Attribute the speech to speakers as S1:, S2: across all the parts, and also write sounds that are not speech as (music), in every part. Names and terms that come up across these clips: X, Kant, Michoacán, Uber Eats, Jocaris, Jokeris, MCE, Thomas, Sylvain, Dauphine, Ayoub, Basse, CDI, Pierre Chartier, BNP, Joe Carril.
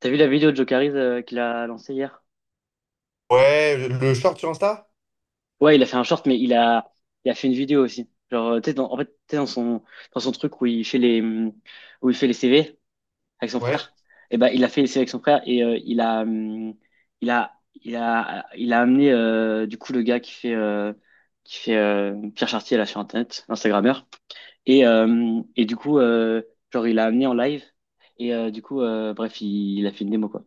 S1: T'as vu la vidéo de Jokeris qu'il a lancée hier?
S2: Ouais, le short sur Insta?
S1: Ouais, il a fait un short, mais il a fait une vidéo aussi. Genre, tu sais, en fait, tu sais, dans son truc où il fait les CV avec son
S2: Ouais.
S1: frère, et ben, il a fait les CV avec son frère et il a amené du coup le gars qui fait Pierre Chartier là sur Internet, l'Instagrammeur, et du coup, genre, il l'a amené en live et du coup, bref, il a fait une démo quoi.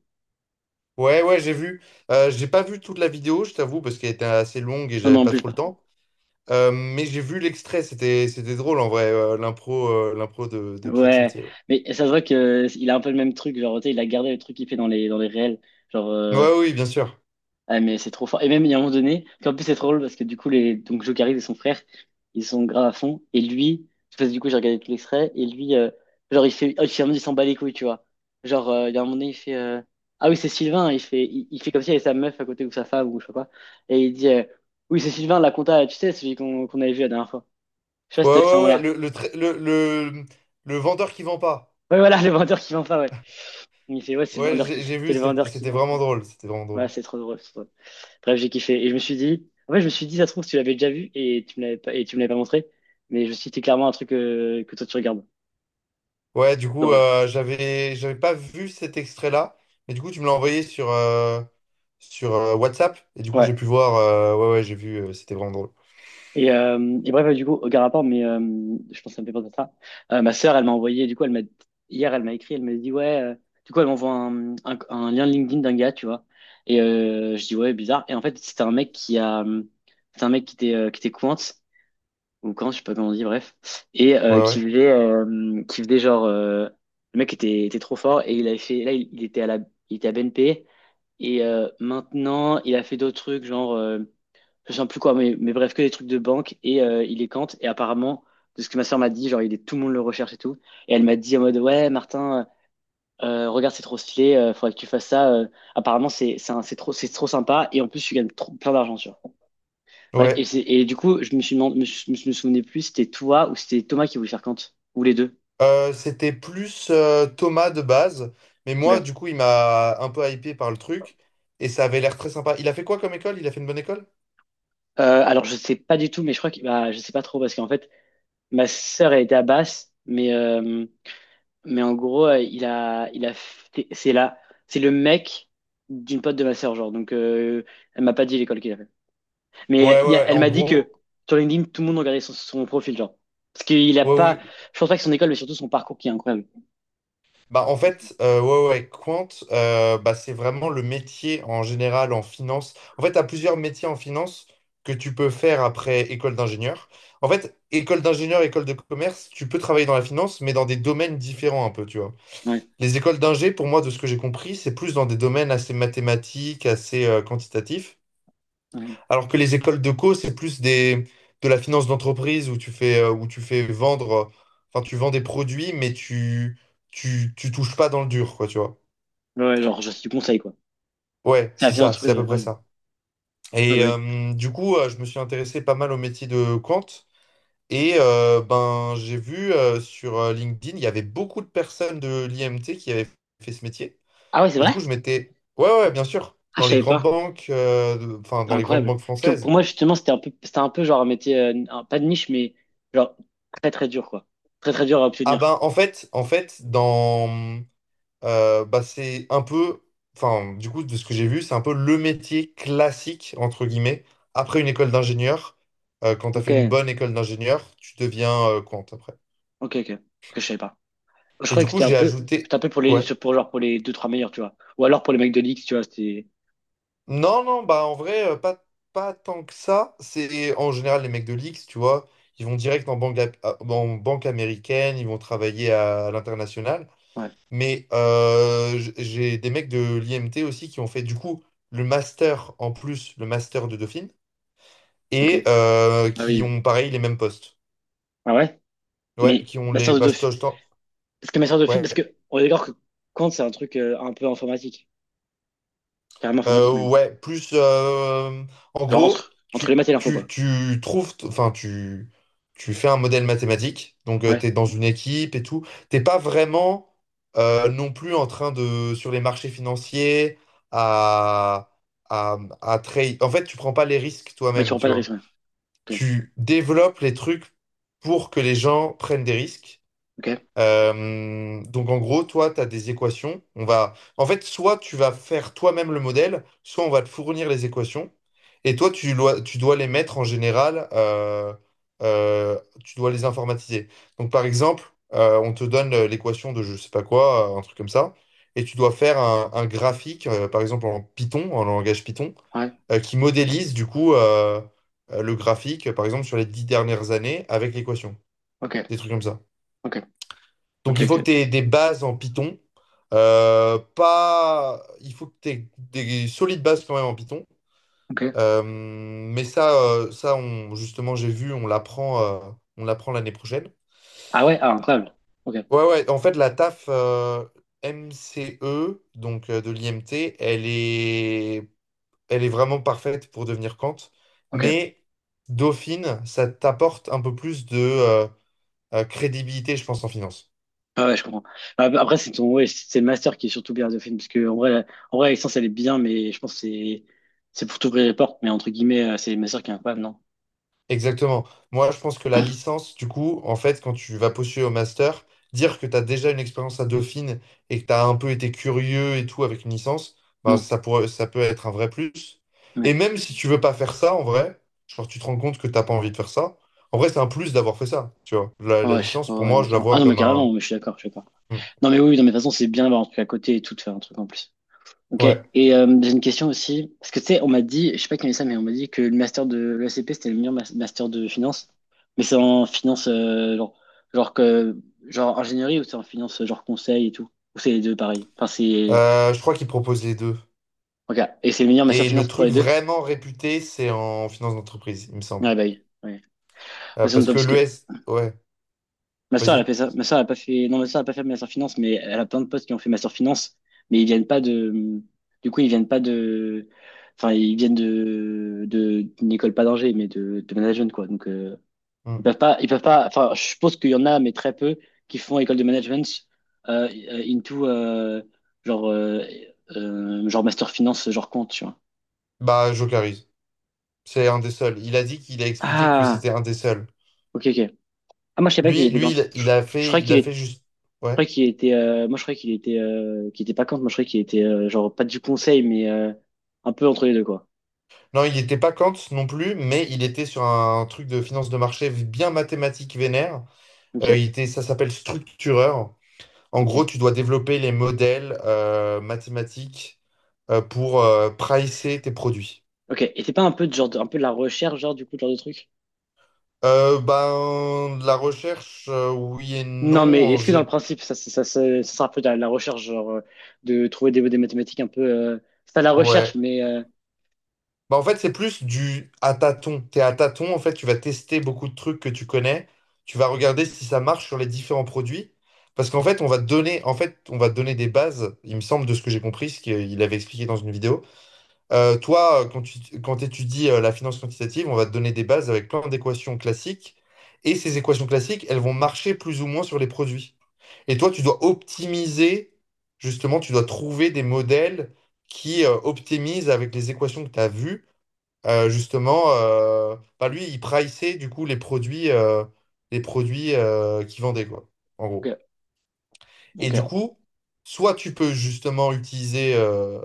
S2: Ouais, ouais, j'ai vu. J'ai pas vu toute la vidéo, je t'avoue, parce qu'elle était assez longue et
S1: Non, mais
S2: j'avais
S1: en
S2: pas
S1: plus.
S2: trop le temps. Mais j'ai vu l'extrait, c'était drôle en vrai, l'impro de Pierre
S1: Ouais,
S2: Chartier. Ouais,
S1: mais ça se voit que il a un peu le même truc, genre, tu sais, il a gardé le truc qu'il fait dans les réels. Genre,
S2: ouais, oui, bien sûr.
S1: ah, mais c'est trop fort. Et même, il y a un moment donné, en plus, c'est trop drôle parce que du coup, donc, Joe Carril et son frère, ils sont grave à fond. Et lui, parce que du coup, j'ai regardé tout l'extrait, et lui, genre, il fait, oh, finalement, il s'en bat les couilles, tu vois. Genre, il y a un moment donné, il fait, ah oui, c'est Sylvain, il fait, il fait comme s'il y avait sa meuf à côté ou sa femme ou je sais pas. Et il dit, oui, c'est Sylvain, la compta, tu sais, celui qu'on avait vu la dernière fois. Je sais pas
S2: Ouais,
S1: si t'as vu ce
S2: ouais, ouais,
S1: moment-là.
S2: le, tra- le vendeur qui vend pas.
S1: Ouais, voilà, (laughs) le vendeur qui vend pas, ouais. Il me fait, ouais,
S2: Ouais, j'ai j'ai
S1: C'est
S2: vu,
S1: le vendeur qui
S2: c'était
S1: vend.
S2: vraiment drôle, c'était vraiment
S1: Ouais,
S2: drôle.
S1: c'est trop drôle. C'est trop drôle. Bref, j'ai kiffé. Et je me suis dit, en fait, je me suis dit, ça se trouve, tu l'avais déjà vu et tu me l'avais pas montré. Mais je me suis dit, c'est clairement un truc que toi, tu regardes.
S2: Ouais, du coup,
S1: Drôle.
S2: j'avais pas vu cet extrait-là, mais du coup, tu me l'as envoyé sur WhatsApp, et du coup,
S1: Ouais.
S2: j'ai pu voir, ouais, ouais, j'ai vu, c'était vraiment drôle.
S1: Et bref, du coup, aucun rapport, mais je pense que ça me fait penser à ça. Ma sœur, elle m'a envoyé, du coup, elle m'a, hier, elle m'a écrit, elle m'a dit, ouais, du coup, elle m'envoie un lien LinkedIn d'un gars, tu vois. Et je dis, ouais, bizarre. Et en fait, c'était un mec qui était cointe ou quand, je sais pas comment on dit, bref, et
S2: Ouais, ouais.
S1: qui faisait genre, le mec était trop fort et il avait fait, là il était à BNP et maintenant il a fait d'autres trucs genre, je sais plus quoi, mais bref que des trucs de banque et il est Kant et apparemment de ce que ma soeur m'a dit, genre il est tout le monde le recherche et tout et elle m'a dit en mode ouais Martin, regarde c'est trop stylé, faudrait que tu fasses ça, apparemment c'est trop sympa et en plus tu gagnes trop, plein d'argent tu vois. Bref, et,
S2: Ouais.
S1: c'est- et du coup, je me suis demandé, je me souvenais plus si c'était toi ou si c'était Thomas qui voulait faire Kant, ou les deux.
S2: C'était plus Thomas de base, mais moi,
S1: Ok.
S2: du coup, il m'a un peu hypé par le truc et ça avait l'air très sympa. Il a fait quoi comme école? Il a fait une bonne école?
S1: Alors, je sais pas du tout, mais je crois que bah, je sais pas trop parce qu'en fait, ma sœur elle était à Basse, mais en gros, il a fait- c'est là, c'est le mec d'une pote de ma sœur, genre. Donc, elle m'a pas dit l'école qu'il a fait, mais
S2: Ouais, ouais, ouais,
S1: elle
S2: en
S1: m'a dit
S2: gros,
S1: que sur LinkedIn, tout le monde regardait son profil, genre, parce qu'il a
S2: ouais,
S1: pas,
S2: oui.
S1: je pense pas que son école, mais surtout son parcours qui est incroyable.
S2: Bah, en fait, ouais, ouais, quant, bah, c'est vraiment le métier en général en finance. En fait, tu as plusieurs métiers en finance que tu peux faire après école d'ingénieur. En fait, école d'ingénieur, école de commerce, tu peux travailler dans la finance, mais dans des domaines différents un peu, tu vois.
S1: Ouais,
S2: Les écoles d'ingé, pour moi, de ce que j'ai compris, c'est plus dans des domaines assez mathématiques, assez quantitatifs.
S1: ouais,
S2: Alors que les écoles de co, c'est plus de la finance d'entreprise où tu fais vendre, enfin, tu vends des produits, mais tu touches pas dans le dur, quoi, tu vois.
S1: ouais, genre, je suis du conseil, quoi.
S2: Ouais,
S1: C'est la
S2: c'est
S1: fière
S2: ça, c'est
S1: entreprise,
S2: à peu
S1: ouais,
S2: près
S1: ouais.
S2: ça.
S1: Ah bah
S2: Et
S1: oui.
S2: du coup, je me suis intéressé pas mal au métier de Quant. Et ben, j'ai vu sur LinkedIn, il y avait beaucoup de personnes de l'IMT qui avaient fait ce métier.
S1: Ah ouais, c'est
S2: Et du
S1: vrai?
S2: coup, je m'étais. Ouais, ouais, bien sûr.
S1: Ah,
S2: Dans
S1: je
S2: les
S1: savais
S2: grandes
S1: pas.
S2: banques, enfin,
S1: C'est
S2: dans les grandes
S1: incroyable.
S2: banques
S1: Parce que
S2: françaises.
S1: pour moi, justement, c'était un peu genre un métier, pas de niche, mais genre très très dur, quoi. Très très dur à
S2: Ah
S1: obtenir.
S2: ben, en fait, dans. Bah, c'est un peu. Enfin, du coup, de ce que j'ai vu, c'est un peu le métier classique, entre guillemets. Après une école d'ingénieur, quand tu as
S1: Ok,
S2: fait une bonne école d'ingénieur, tu deviens compte après.
S1: ok, ok. Ok, je savais pas. Je
S2: Et du
S1: croyais que
S2: coup,
S1: c'était un
S2: j'ai
S1: peu,
S2: ajouté.
S1: c'était un peu
S2: Ouais.
S1: pour les deux, trois meilleurs, tu vois. Ou alors pour les mecs de l'X, tu vois,
S2: Non, non, bah en vrai, pas, pas tant que ça. C'est en général les mecs de l'X, tu vois, ils vont direct en banque, en banque américaine, ils vont travailler à l'international.
S1: ouais,
S2: Mais j'ai des mecs de l'IMT aussi qui ont fait du coup le master en plus, le master de Dauphine,
S1: ok.
S2: et
S1: Ah
S2: qui
S1: oui.
S2: ont pareil les mêmes postes.
S1: Ah ouais?
S2: Ouais,
S1: Mais
S2: qui ont les. Bah,
S1: Ma sœur de Dauphine, parce
S2: ouais.
S1: que on est d'accord que Kant, c'est un truc un peu informatique. Carrément informatique, même.
S2: Ouais, plus en
S1: Genre
S2: gros,
S1: entre les maths et l'info, quoi.
S2: tu trouves, enfin, tu fais un modèle mathématique, donc
S1: Ouais.
S2: tu es dans une équipe et tout. T'es pas vraiment non plus en train de, sur les marchés financiers, à, à trade. En fait, tu prends pas les risques
S1: Mais tu
S2: toi-même,
S1: prends pas
S2: tu
S1: de
S2: vois.
S1: risque, ouais. Ok,
S2: Tu développes les trucs pour que les gens prennent des risques.
S1: ok.
S2: Donc en gros, toi, tu as des équations. On va... En fait, soit tu vas faire toi-même le modèle, soit on va te fournir les équations. Et toi, tu dois les mettre en général, euh, tu dois les informatiser. Donc par exemple, on te donne l'équation de je sais pas quoi, un truc comme ça, et tu dois faire un graphique, par exemple en Python, en langage Python,
S1: Ouais,
S2: qui modélise du coup le graphique, par exemple sur les 10 dernières années avec l'équation,
S1: ok,
S2: des trucs comme ça.
S1: ok, ok,
S2: Donc il faut que tu
S1: ok,
S2: aies des bases en Python. Pas... Il faut que tu aies des solides bases quand même en Python.
S1: ok.
S2: Mais ça, ça on, justement, j'ai vu, on l'apprend l'année prochaine.
S1: Ah ouais, ah, incroyable. Ok,
S2: Ouais, ouais, en fait, la taf MCE, donc de l'IMT, elle est vraiment parfaite pour devenir Kant.
S1: ok.
S2: Mais Dauphine, ça t'apporte un peu plus de crédibilité, je pense, en finance.
S1: Ah ouais, je comprends. Ah, bah, après, c'est ton, ouais, c'est le master qui est surtout bien de film, parce que en vrai, en vrai, la licence, elle est bien, mais je pense que c'est pour t'ouvrir les portes, mais entre guillemets, c'est le master qui est incroyable, non?
S2: Exactement. Moi, je pense que la
S1: (clears throat)
S2: licence, du coup, en fait, quand tu vas postuler au master, dire que tu as déjà une expérience à Dauphine et que tu as un peu été curieux et tout avec une licence, ben,
S1: Hmm,
S2: ça peut être un vrai plus.
S1: ouais.
S2: Et même si tu veux pas faire ça, en vrai, genre tu te rends compte que t'as pas envie de faire ça, en vrai, c'est un plus d'avoir fait ça, tu vois. La,
S1: Ah
S2: la
S1: ouais,
S2: licence,
S1: ouais,
S2: pour
S1: ouais, non,
S2: moi,
S1: mais
S2: je la
S1: carrément. Ah
S2: vois
S1: non, mais
S2: comme
S1: carrément,
S2: un...
S1: mais je suis d'accord, je suis d'accord.
S2: Hmm.
S1: Non, mais oui, oui, non, mais de toute façon, c'est bien d'avoir un truc à côté et tout, de faire un truc en plus. Ok,
S2: Ouais.
S1: et j'ai une question aussi, parce que tu sais, on m'a dit, je sais pas qui m'a dit ça, mais on m'a dit que le master de l'ECP, c'était le meilleur master de finance, mais c'est en finance, genre, genre, que, genre ingénierie ou c'est en finance, genre conseil et tout, ou c'est les deux pareil,
S2: Je crois qu'ils proposent les deux.
S1: ok, et c'est le meilleur master
S2: Et
S1: finance
S2: le
S1: pour
S2: truc
S1: les deux?
S2: vraiment réputé, c'est en finance d'entreprise, il me semble.
S1: Ouais, bah oui, ouais. Ça sonne
S2: Parce
S1: pas
S2: que
S1: parce
S2: le
S1: que,
S2: S, ouais,
S1: ma soeur, elle a
S2: vas-y.
S1: fait ça. Ma soeur, elle a pas fait. Non, ma soeur, elle a pas fait Master Finance, mais elle a plein de potes qui ont fait Master Finance, mais ils viennent pas de. Du coup, ils viennent pas de. Enfin, ils viennent de d'une école pas d'Angers, mais de management quoi. Donc, ils
S2: Hmm.
S1: peuvent pas. Ils peuvent pas. Enfin, je suppose qu'il y en a, mais très peu qui font école de management euh, into genre euh, genre Master Finance, genre compte, tu vois.
S2: Bah, Jocaris. C'est un des seuls. Il a dit qu'il a expliqué que
S1: Ah,
S2: c'était un des seuls.
S1: ok, ok. Ah, moi, je sais pas qu'il
S2: Lui,
S1: était
S2: lui,
S1: compte.
S2: il,
S1: Je, je croyais
S2: il
S1: qu'il
S2: a
S1: était
S2: fait juste. Ouais.
S1: moi je croyais qu'il était pas contre, moi je croyais qu'il était genre pas du conseil, mais un peu entre les deux quoi.
S2: Non, il n'était pas Kant non plus, mais il était sur un truc de finance de marché bien mathématique vénère.
S1: Ok,
S2: Ça s'appelle structureur. En
S1: ok,
S2: gros, tu dois développer les modèles mathématiques pour pricer tes produits.
S1: ok. Et c'est pas un peu de genre, un peu de la recherche genre du coup genre de truc?
S2: Ben, de la recherche, oui et
S1: Non,
S2: non.
S1: mais est-ce que dans le principe ça sera un peu de la recherche genre de trouver des mathématiques un peu, c'est pas de la recherche
S2: Ouais.
S1: mais
S2: Bah en fait, c'est plus du à tâtons. T'es à tâtons, en fait, tu vas tester beaucoup de trucs que tu connais. Tu vas regarder si ça marche sur les différents produits. Parce qu'en fait, on va te donner des bases, il me semble, de ce que j'ai compris, ce qu'il avait expliqué dans une vidéo. Toi, quand tu quand étudies la finance quantitative, on va te donner des bases avec plein d'équations classiques. Et ces équations classiques, elles vont marcher plus ou moins sur les produits. Et toi, tu dois optimiser, justement, tu dois trouver des modèles qui optimisent avec les équations que tu as vues justement, bah lui, il priçait du coup les produits qu'il vendait, quoi, en gros.
S1: ok,
S2: Et du
S1: ok.
S2: coup, soit tu peux justement utiliser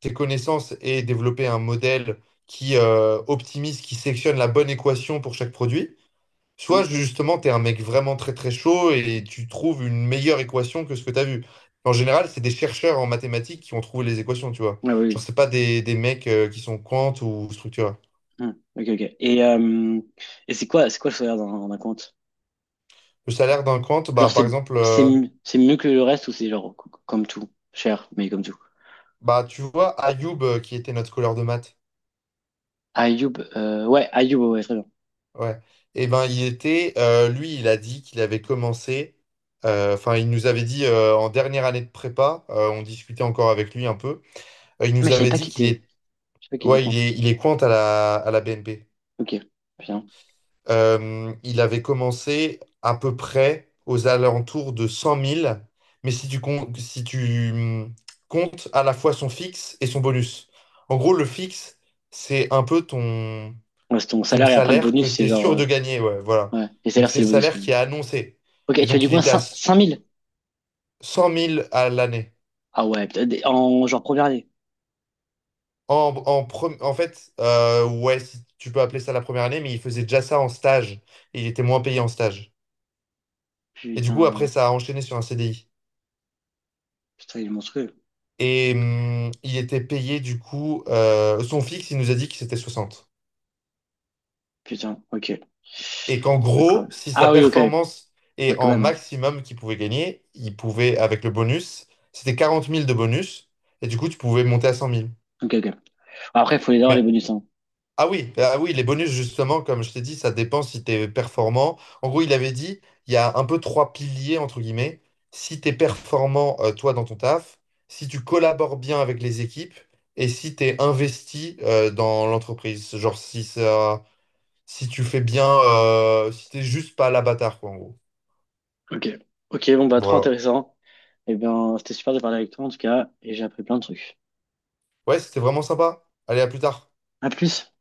S2: tes connaissances et développer un modèle qui optimise, qui sélectionne la bonne équation pour chaque produit,
S1: Hmm.
S2: soit justement, tu es un mec vraiment très très chaud et tu trouves une meilleure équation que ce que tu as vu. En général, c'est des chercheurs en mathématiques qui ont trouvé les équations, tu vois.
S1: Ah oui,
S2: Genre,
S1: oui.
S2: c'est pas des mecs qui sont quant ou structurés.
S1: Hmm. Ok, ok. Et c'est quoi le salaire d'un compte?
S2: Le salaire d'un compte, bah,
S1: Genre
S2: par
S1: c'est
S2: exemple,
S1: c'est c'est mieux que le reste ou c'est genre comme tout, cher mais comme tout?
S2: bah, tu vois, Ayoub, qui était notre couleur de maths,
S1: Ayoub, ouais, Ayoub, ouais, ouais, très bien.
S2: ouais, et ben il était, lui, il a dit qu'il avait commencé, enfin, il nous avait dit en dernière année de prépa, on discutait encore avec lui un peu, il
S1: Ah, mais
S2: nous avait dit qu'il est,
S1: je sais pas qu'il était
S2: ouais, il
S1: compte.
S2: est, il est compte à la BNP.
S1: Ok, bien.
S2: Il avait commencé à peu près aux alentours de 100 000, mais si tu comptes à la fois son fixe et son bonus. En gros, le fixe, c'est un peu ton,
S1: Ouais, c'est ton
S2: ton
S1: salaire et après le
S2: salaire que
S1: bonus,
S2: tu
S1: c'est
S2: es
S1: genre,
S2: sûr de gagner. Ouais, voilà.
S1: ouais, les
S2: Donc,
S1: salaires,
S2: c'est
S1: c'est
S2: le
S1: le bonus.
S2: salaire
S1: Ouais.
S2: qui est annoncé.
S1: Ok,
S2: Et
S1: tu as
S2: donc,
S1: du
S2: il
S1: coin
S2: était
S1: cinq mille.
S2: 100 000 à l'année.
S1: Ah ouais, putain, en genre première année.
S2: En fait, ouais, si tu peux appeler ça la première année, mais il faisait déjà ça en stage. Et il était moins payé en stage. Et du coup, après,
S1: Putain,
S2: ça a enchaîné sur un CDI.
S1: putain, il est monstrueux.
S2: Et il était payé du coup, son fixe, il nous a dit que c'était 60.
S1: Putain, ok.
S2: Et qu'en gros,
S1: Incroyable.
S2: si sa
S1: Ah oui, ok.
S2: performance
S1: Ouais,
S2: est
S1: quand
S2: en
S1: même, hein.
S2: maximum qu'il pouvait gagner, il pouvait, avec le bonus, c'était 40 000 de bonus, et du coup, tu pouvais monter à 100 000.
S1: Ok, ok. Bon, après, il faut les avoir, les
S2: Mais
S1: bonus, hein.
S2: ah oui, ah oui, les bonus, justement, comme je t'ai dit, ça dépend si tu es performant. En gros, il avait dit, il y a un peu trois piliers, entre guillemets. Si tu es performant, toi, dans ton taf, si tu collabores bien avec les équipes et si tu es investi, dans l'entreprise. Genre, si tu fais bien, si t'es juste pas l'abatard, quoi, en gros.
S1: Ok. Ok, bon, bah, trop
S2: Voilà.
S1: intéressant. Eh bien, c'était super de parler avec toi, en tout cas, et j'ai appris plein de trucs.
S2: Ouais, c'était vraiment sympa. Allez, à plus tard.
S1: À plus.